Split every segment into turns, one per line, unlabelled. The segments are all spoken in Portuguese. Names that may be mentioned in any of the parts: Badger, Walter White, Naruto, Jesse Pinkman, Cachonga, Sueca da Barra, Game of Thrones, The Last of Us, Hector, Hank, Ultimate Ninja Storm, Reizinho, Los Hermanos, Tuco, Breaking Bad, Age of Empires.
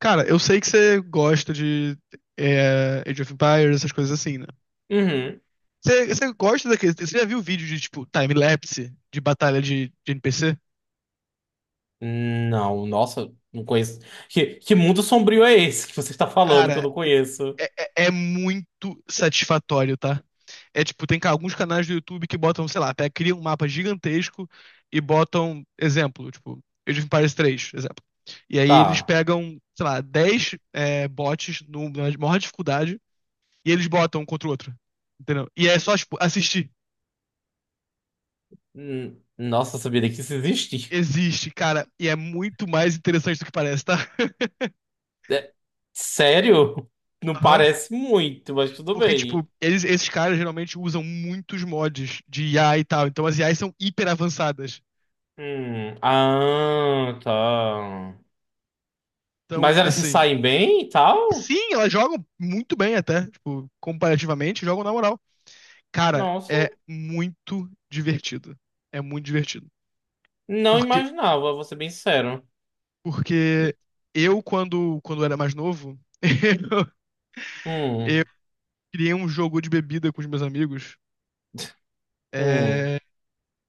Cara, eu sei que você gosta de Age of Empires, essas coisas assim, né?
Uhum.
Você gosta daquele. Você já viu vídeo de, tipo, time-lapse de batalha de NPC?
Não, nossa, não conheço. Que mundo sombrio é esse que você está falando que eu
Cara,
não conheço?
é, é muito satisfatório, tá? É tipo, tem alguns canais do YouTube que botam, sei lá, criam um mapa gigantesco e botam, exemplo, tipo, Age of Empires 3, exemplo. E aí eles
Tá.
pegam, sei lá, 10 bots na maior dificuldade e eles botam um contra o outro. Entendeu? E é só, tipo, assistir.
Nossa, eu sabia nem que isso existe.
Existe, cara, e é muito mais interessante do que parece, tá?
É, sério? Não
Aham.
parece muito, mas tudo
Porque, tipo,
bem.
esses caras geralmente usam muitos mods de IA e tal. Então as IAs são hiper avançadas.
Ah, tá. Mas
Então,
elas se
assim.
saem bem e tal?
Sim, elas jogam muito bem até. Tipo, comparativamente, jogam na moral. Cara,
Nossa,
é muito divertido. É muito divertido.
não
Porque,
imaginava, vou ser bem sincero.
porque quando era mais novo, eu
Hum,
criei um jogo de bebida com os meus amigos.
hum.
É,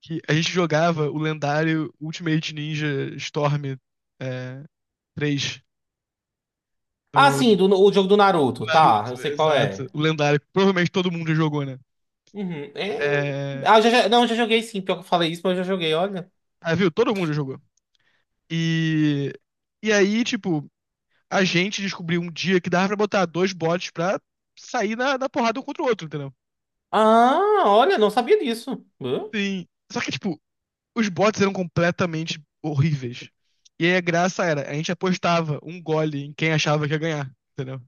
que a gente jogava o lendário Ultimate Ninja Storm é, 3
Ah,
no
sim,
no
do, o jogo do Naruto, tá, eu
Naruto,
sei qual
exato.
é.
O lendário, que provavelmente todo mundo já jogou, né?
Uhum. É...
É,
Não, eu já joguei, sim. Pior que eu falei isso, mas eu já joguei, olha.
ah, viu? Todo mundo já jogou. E, e aí, tipo, a gente descobriu um dia que dava pra botar dois bots pra sair na porrada um contra o outro, entendeu?
Ah, olha, não sabia disso. Hã?
Sim. Só que, tipo, os bots eram completamente horríveis. E aí a graça era, a gente apostava um gole em quem achava que ia ganhar, entendeu?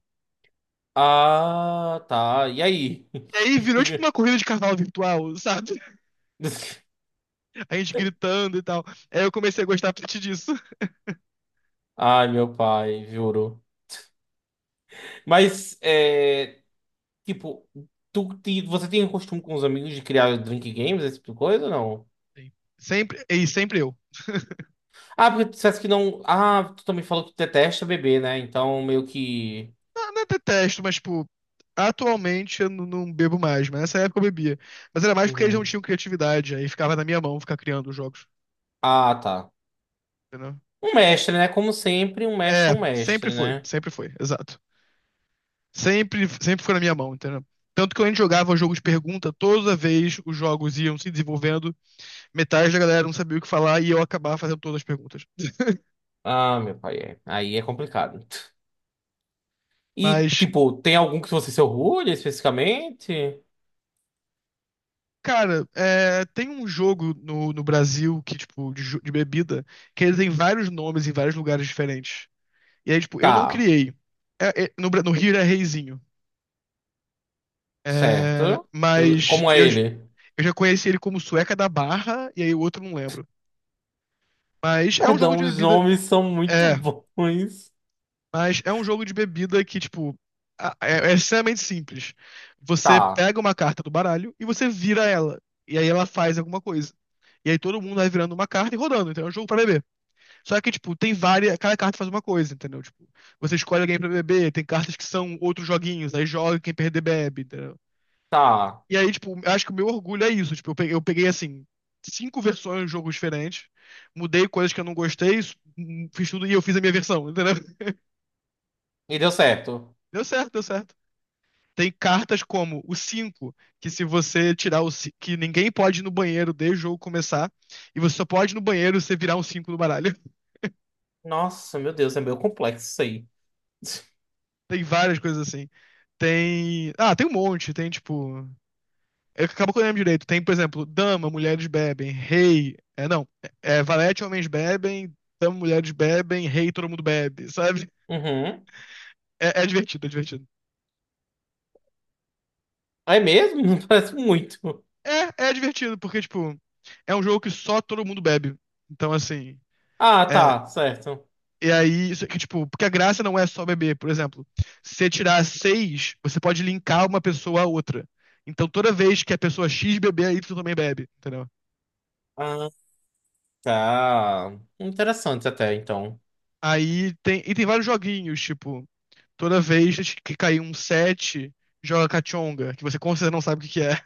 Ah, tá. E aí?
E aí virou tipo uma corrida de carnaval virtual, sabe? A gente gritando e tal. Aí eu comecei a gostar a partir disso.
Ai, meu pai, juro. Mas, é, tipo, você tem costume com os amigos de criar drink games, esse tipo de coisa ou não?
Sim. Sempre, e sempre eu.
Ah, porque tu disseste que não. Ah, tu também falou que tu detesta beber, né? Então, meio que.
Não, não detesto, mas tipo, atualmente eu não bebo mais, mas nessa época eu bebia. Mas era mais porque eles não
Uhum.
tinham criatividade, aí ficava na minha mão ficar criando os jogos,
Ah, tá.
entendeu?
Um mestre, né? Como sempre, um mestre
É,
é um mestre, né?
sempre foi, exato. Sempre, sempre foi na minha mão, entendeu? Tanto que quando a gente jogava o jogo de pergunta, toda vez os jogos iam se desenvolvendo, metade da galera não sabia o que falar e eu acabava fazendo todas as perguntas.
Ah, meu pai, é. Aí é complicado. E,
Mas
tipo, tem algum que você se orgulha especificamente?
Cara, é, tem um jogo no Brasil que, tipo, de bebida, que ele tem vários nomes em vários lugares diferentes. E aí, tipo, eu não
Tá,
criei. No Rio é Reizinho.
certo.
Mas
Como é ele?
eu já conheci ele como Sueca da Barra, e aí o outro eu não lembro. Mas é um jogo
Perdão,
de
os
bebida.
nomes são muito
É,
bons.
mas é um jogo de bebida que, tipo, é extremamente simples. Você
Tá,
pega uma carta do baralho e você vira ela. E aí ela faz alguma coisa. E aí todo mundo vai virando uma carta e rodando. Então é um jogo pra beber. Só que, tipo, tem várias. Cada carta faz uma coisa, entendeu? Tipo, você escolhe alguém pra beber, tem cartas que são outros joguinhos, aí joga e quem perder bebe, entendeu?
tá.
E aí, tipo, eu acho que o meu orgulho é isso. Tipo, eu peguei, assim, cinco versões de jogos diferentes, mudei coisas que eu não gostei, fiz tudo e eu fiz a minha versão, entendeu?
E deu certo.
Deu certo, deu certo. Tem cartas como o 5 que, se você tirar que ninguém pode ir no banheiro desde o jogo começar, e você só pode ir no banheiro se você virar um cinco no baralho.
Nossa, meu Deus, é meio complexo isso aí.
Tem várias coisas assim. Tem. Ah, tem um monte. Tem, tipo. Acabou que eu lembro direito. Tem, por exemplo, dama, mulheres bebem, rei. É, não. Valete, homens bebem, dama, mulheres bebem, rei, todo mundo bebe, sabe?
Uhum.
É divertido, é divertido.
É mesmo? Parece muito.
É divertido, porque, tipo, é um jogo que só todo mundo bebe. Então, assim.
Ah,
É,
tá, certo.
e aí, isso aqui, tipo, porque a graça não é só beber, por exemplo. Se você tirar seis, você pode linkar uma pessoa a outra. Então, toda vez que a pessoa X beber, a Y também bebe, entendeu?
Ah, tá. Interessante até, então.
Aí tem. E tem vários joguinhos, tipo. Toda vez que cair um set joga Cachonga, que você com certeza não sabe o que que é.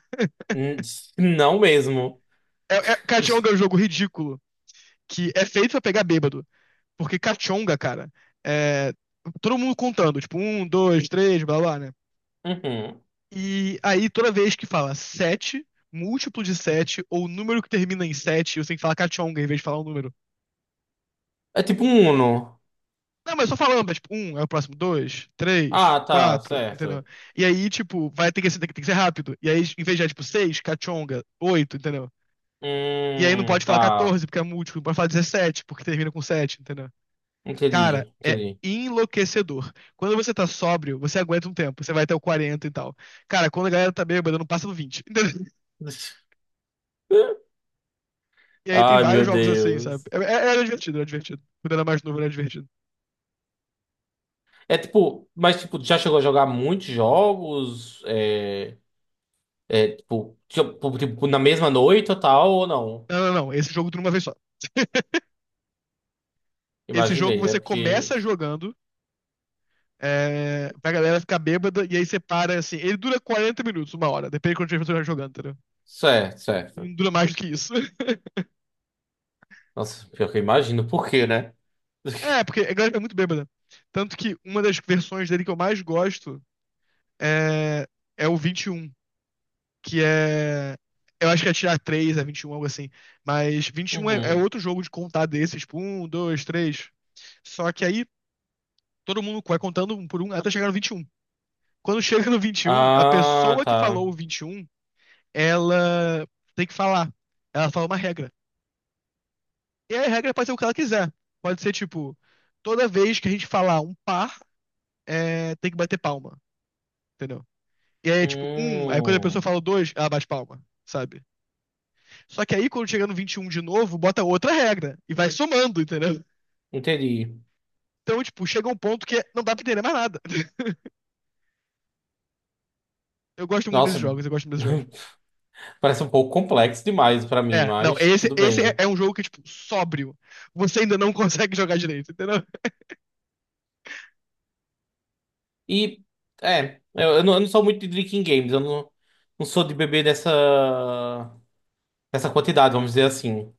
Hum, Não mesmo.
Cachonga é um jogo ridículo, que é feito pra pegar bêbado. Porque Cachonga, cara, é todo mundo contando, tipo, um, dois, três, blá blá, né?
Uhum.
E aí toda vez que fala 7, múltiplo de 7, ou número que termina em 7, você tem que falar Cachonga em vez de falar um número.
É tipo um Uno.
Não, mas só falando, mas, tipo, um é o próximo, dois, três,
Ah, tá,
quatro, entendeu?
certo.
E aí, tipo, vai ter que ser, tem que ser rápido. E aí, em vez de, tipo, seis, cachonga, oito, entendeu? E aí não pode falar
Tá.
14, porque é múltiplo, não pode falar 17 porque termina com 7, entendeu? Cara,
Entendi,
é
entendi.
enlouquecedor. Quando você tá sóbrio, você aguenta um tempo, você vai até o 40 e tal. Cara, quando a galera tá bêbada, não passa do 20, entendeu? E aí tem
Ai,
vários
meu
jogos assim, sabe?
Deus.
Era divertido, era divertido. Quando era mais novo, era divertido.
É tipo, mas tipo, já chegou a jogar muitos jogos? É, é tipo, na mesma noite ou tal, ou não?
Não, não, não. Esse jogo tudo uma vez só. Esse jogo
Imaginei, né?
você
Porque.
começa jogando pra galera ficar bêbada, e aí você para assim. Ele dura 40 minutos, uma hora, depende de quanto você estiver jogando, entendeu?
Certo,
Ele
certo.
não dura mais do que isso.
Nossa, pior que eu imagino por quê, né?
É, porque a galera é muito bêbada. Tanto que uma das versões dele que eu mais gosto é, é o 21, que é. Eu acho que é tirar 3, é 21, algo assim. Mas 21 é
Uhum.
outro jogo de contar desses, tipo, 1, 2, 3. Só que aí todo mundo vai contando um por um até chegar no 21. Quando chega no 21, a
Ah,
pessoa que
tá.
falou o 21, ela tem que falar. Ela fala uma regra. E a regra pode ser o que ela quiser. Pode ser, tipo, toda vez que a gente falar um par, tem que bater palma. Entendeu? E aí é tipo, um, aí quando a pessoa
Hum,
fala dois, ela bate palma, sabe? Só que aí quando chega no 21 de novo, bota outra regra e vai somando, entendeu?
entendi.
Então, tipo, chega um ponto que não dá pra entender mais nada. Eu gosto muito desses
Nossa,
jogos, eu gosto muito desses jogos.
parece um pouco complexo demais pra mim,
É, não,
mas
esse,
tudo
esse é,
bem.
é um jogo que, tipo, sóbrio. Você ainda não consegue jogar direito, entendeu?
E é, eu não sou muito de drinking games, eu não, não sou de beber dessa, dessa quantidade, vamos dizer assim,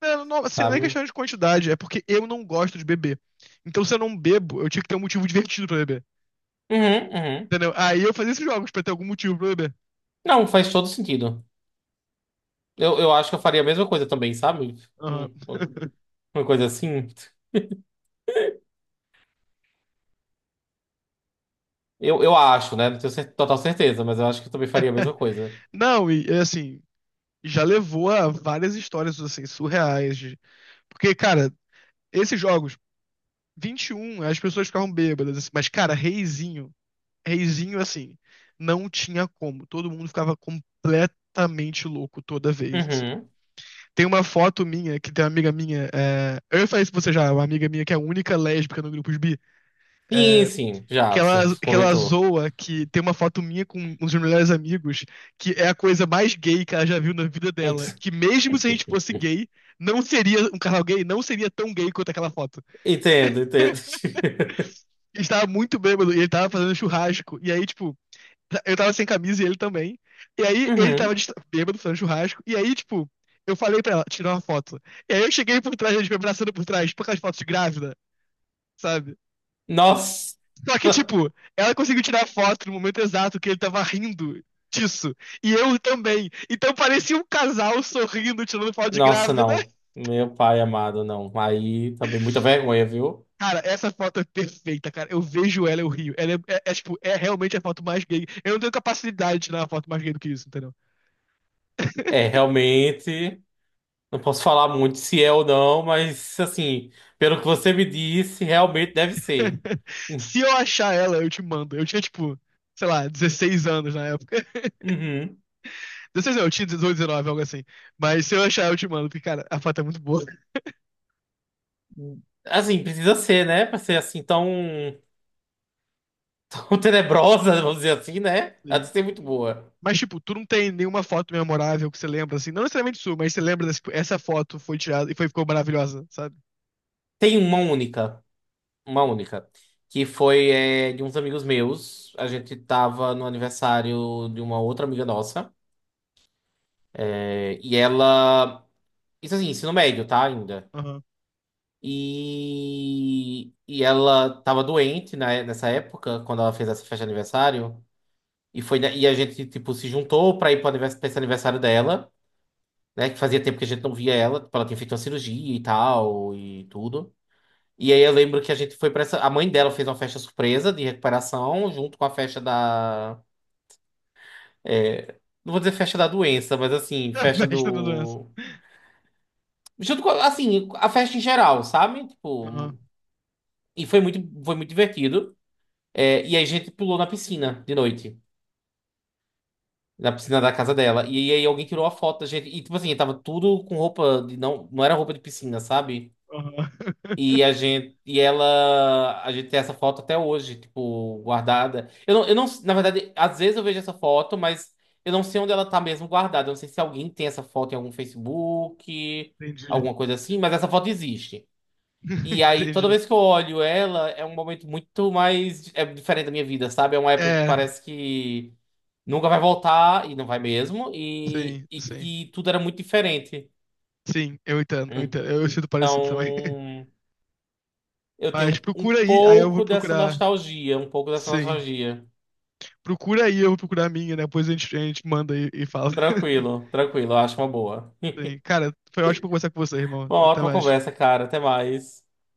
Não, não, assim, não é
sabe?
questão de quantidade, é porque eu não gosto de beber. Então, se eu não bebo, eu tinha que ter um motivo divertido pra beber.
Uhum, uhum.
Entendeu? Aí eu fazia esses jogos pra ter algum motivo pra beber.
Não, faz todo sentido. Eu acho que eu faria a mesma coisa também, sabe?
Aham.
Hum, Uma coisa assim. Eu acho, né? Não tenho total certeza, mas eu acho que eu também faria a mesma coisa.
Não, e é assim, já levou a várias histórias assim surreais. De... Porque, cara, esses jogos 21, as pessoas ficavam bêbadas assim, mas, cara, Reizinho, Reizinho assim, não tinha como, todo mundo ficava completamente louco toda vez assim.
Uhum.
Tem uma foto minha que tem uma amiga minha, eu falei isso pra você já. Uma amiga minha que é a única lésbica no grupo bi,
Sim,
é...
sim, já,
que
você já
ela, que ela
comentou.
zoa que tem uma foto minha com um dos meus melhores amigos, que é a coisa mais gay que ela já viu na vida dela.
Ent-
Que mesmo se a gente fosse gay, não seria um casal gay, não seria tão gay quanto aquela foto.
Entendo, entendo.
Ele estava muito bêbado e ele estava fazendo churrasco. E aí, tipo, eu tava sem camisa e ele também. E aí ele tava
Uhum.
bêbado fazendo churrasco. E aí, tipo, eu falei pra ela tirar uma foto. E aí eu cheguei por trás, a gente me abraçando por trás, por aquelas fotos de grávida, sabe?
Nossa!
Só que, tipo, ela conseguiu tirar foto no momento exato que ele tava rindo disso. E eu também. Então parecia um casal sorrindo, tirando foto de
Nossa,
grávida.
não. Meu pai amado, não. Aí também muita vergonha, viu?
Cara, essa foto é perfeita, cara. Eu vejo ela, eu rio. Ela é realmente a foto mais gay. Eu não tenho capacidade de tirar uma foto mais gay do que isso, entendeu?
É, realmente, não posso falar muito se é ou não, mas assim, pelo que você me disse, realmente deve ser.
Se eu achar ela, eu te mando. Eu tinha, tipo, sei lá, 16 anos na época.
Uhum.
16 não, eu tinha 18, 19, algo assim. Mas se eu achar, eu te mando, porque, cara, a foto é muito boa.
Assim, precisa ser, né? Pra ser assim tão, tão tenebrosa, vamos dizer assim, né? Ela tem que
Sim.
ser muito boa.
Mas, tipo, tu não tem nenhuma foto memorável que você lembra, assim. Não necessariamente sua, mas você lembra dessa, tipo, essa foto foi tirada e ficou maravilhosa, sabe?
Tem uma única, uma única, que foi é, de uns amigos meus. A gente tava no aniversário de uma outra amiga nossa. É, e ela. Isso assim, ensino médio, tá? Ainda.
Aham.
E ela tava doente nessa época, quando ela fez essa festa de aniversário. E, foi, e a gente, tipo, se juntou pra ir pra esse aniversário dela, né? Que fazia tempo que a gente não via ela. Tipo, ela tinha feito uma cirurgia e tal, e tudo. E aí eu lembro que a gente foi pra essa... A mãe dela fez uma festa surpresa de recuperação, junto com a festa da... É, não vou dizer festa da doença, mas assim, festa
Mestre da doença.
do... Junto com, assim, a festa em geral, sabe?
Aham.
Tipo... E foi muito divertido. É, e aí a gente pulou na piscina de noite. Na piscina da casa dela. E aí alguém tirou a foto da gente. E tipo assim, tava tudo com roupa de. Não, não era roupa de piscina, sabe?
Aham.
E a gente. E ela. A gente tem essa foto até hoje, tipo, guardada. Eu não, eu não. Na verdade, às vezes eu vejo essa foto, mas eu não sei onde ela tá mesmo guardada. Eu não sei se alguém tem essa foto em algum Facebook,
Entendi.
alguma coisa assim, mas essa foto existe. E aí, toda
Entendi.
vez que eu olho ela, é um momento muito mais. É diferente da minha vida, sabe? É uma época que
É,
parece que nunca vai voltar, e não vai mesmo,
sim,
e
sim.
que tudo era muito diferente.
Sim, eu entendo, eu entendo. Eu sinto parecido também.
Então, eu tenho
Mas
um
procura aí, aí eu vou
pouco dessa
procurar.
nostalgia, um pouco dessa
Sim.
nostalgia.
Procura aí, eu vou procurar a minha, né? Depois a gente manda e fala.
Tranquilo, tranquilo, eu acho uma boa.
Sim. Cara, foi ótimo conversar com você, irmão.
Bom,
Até
ótima
mais.
conversa, cara. Até mais.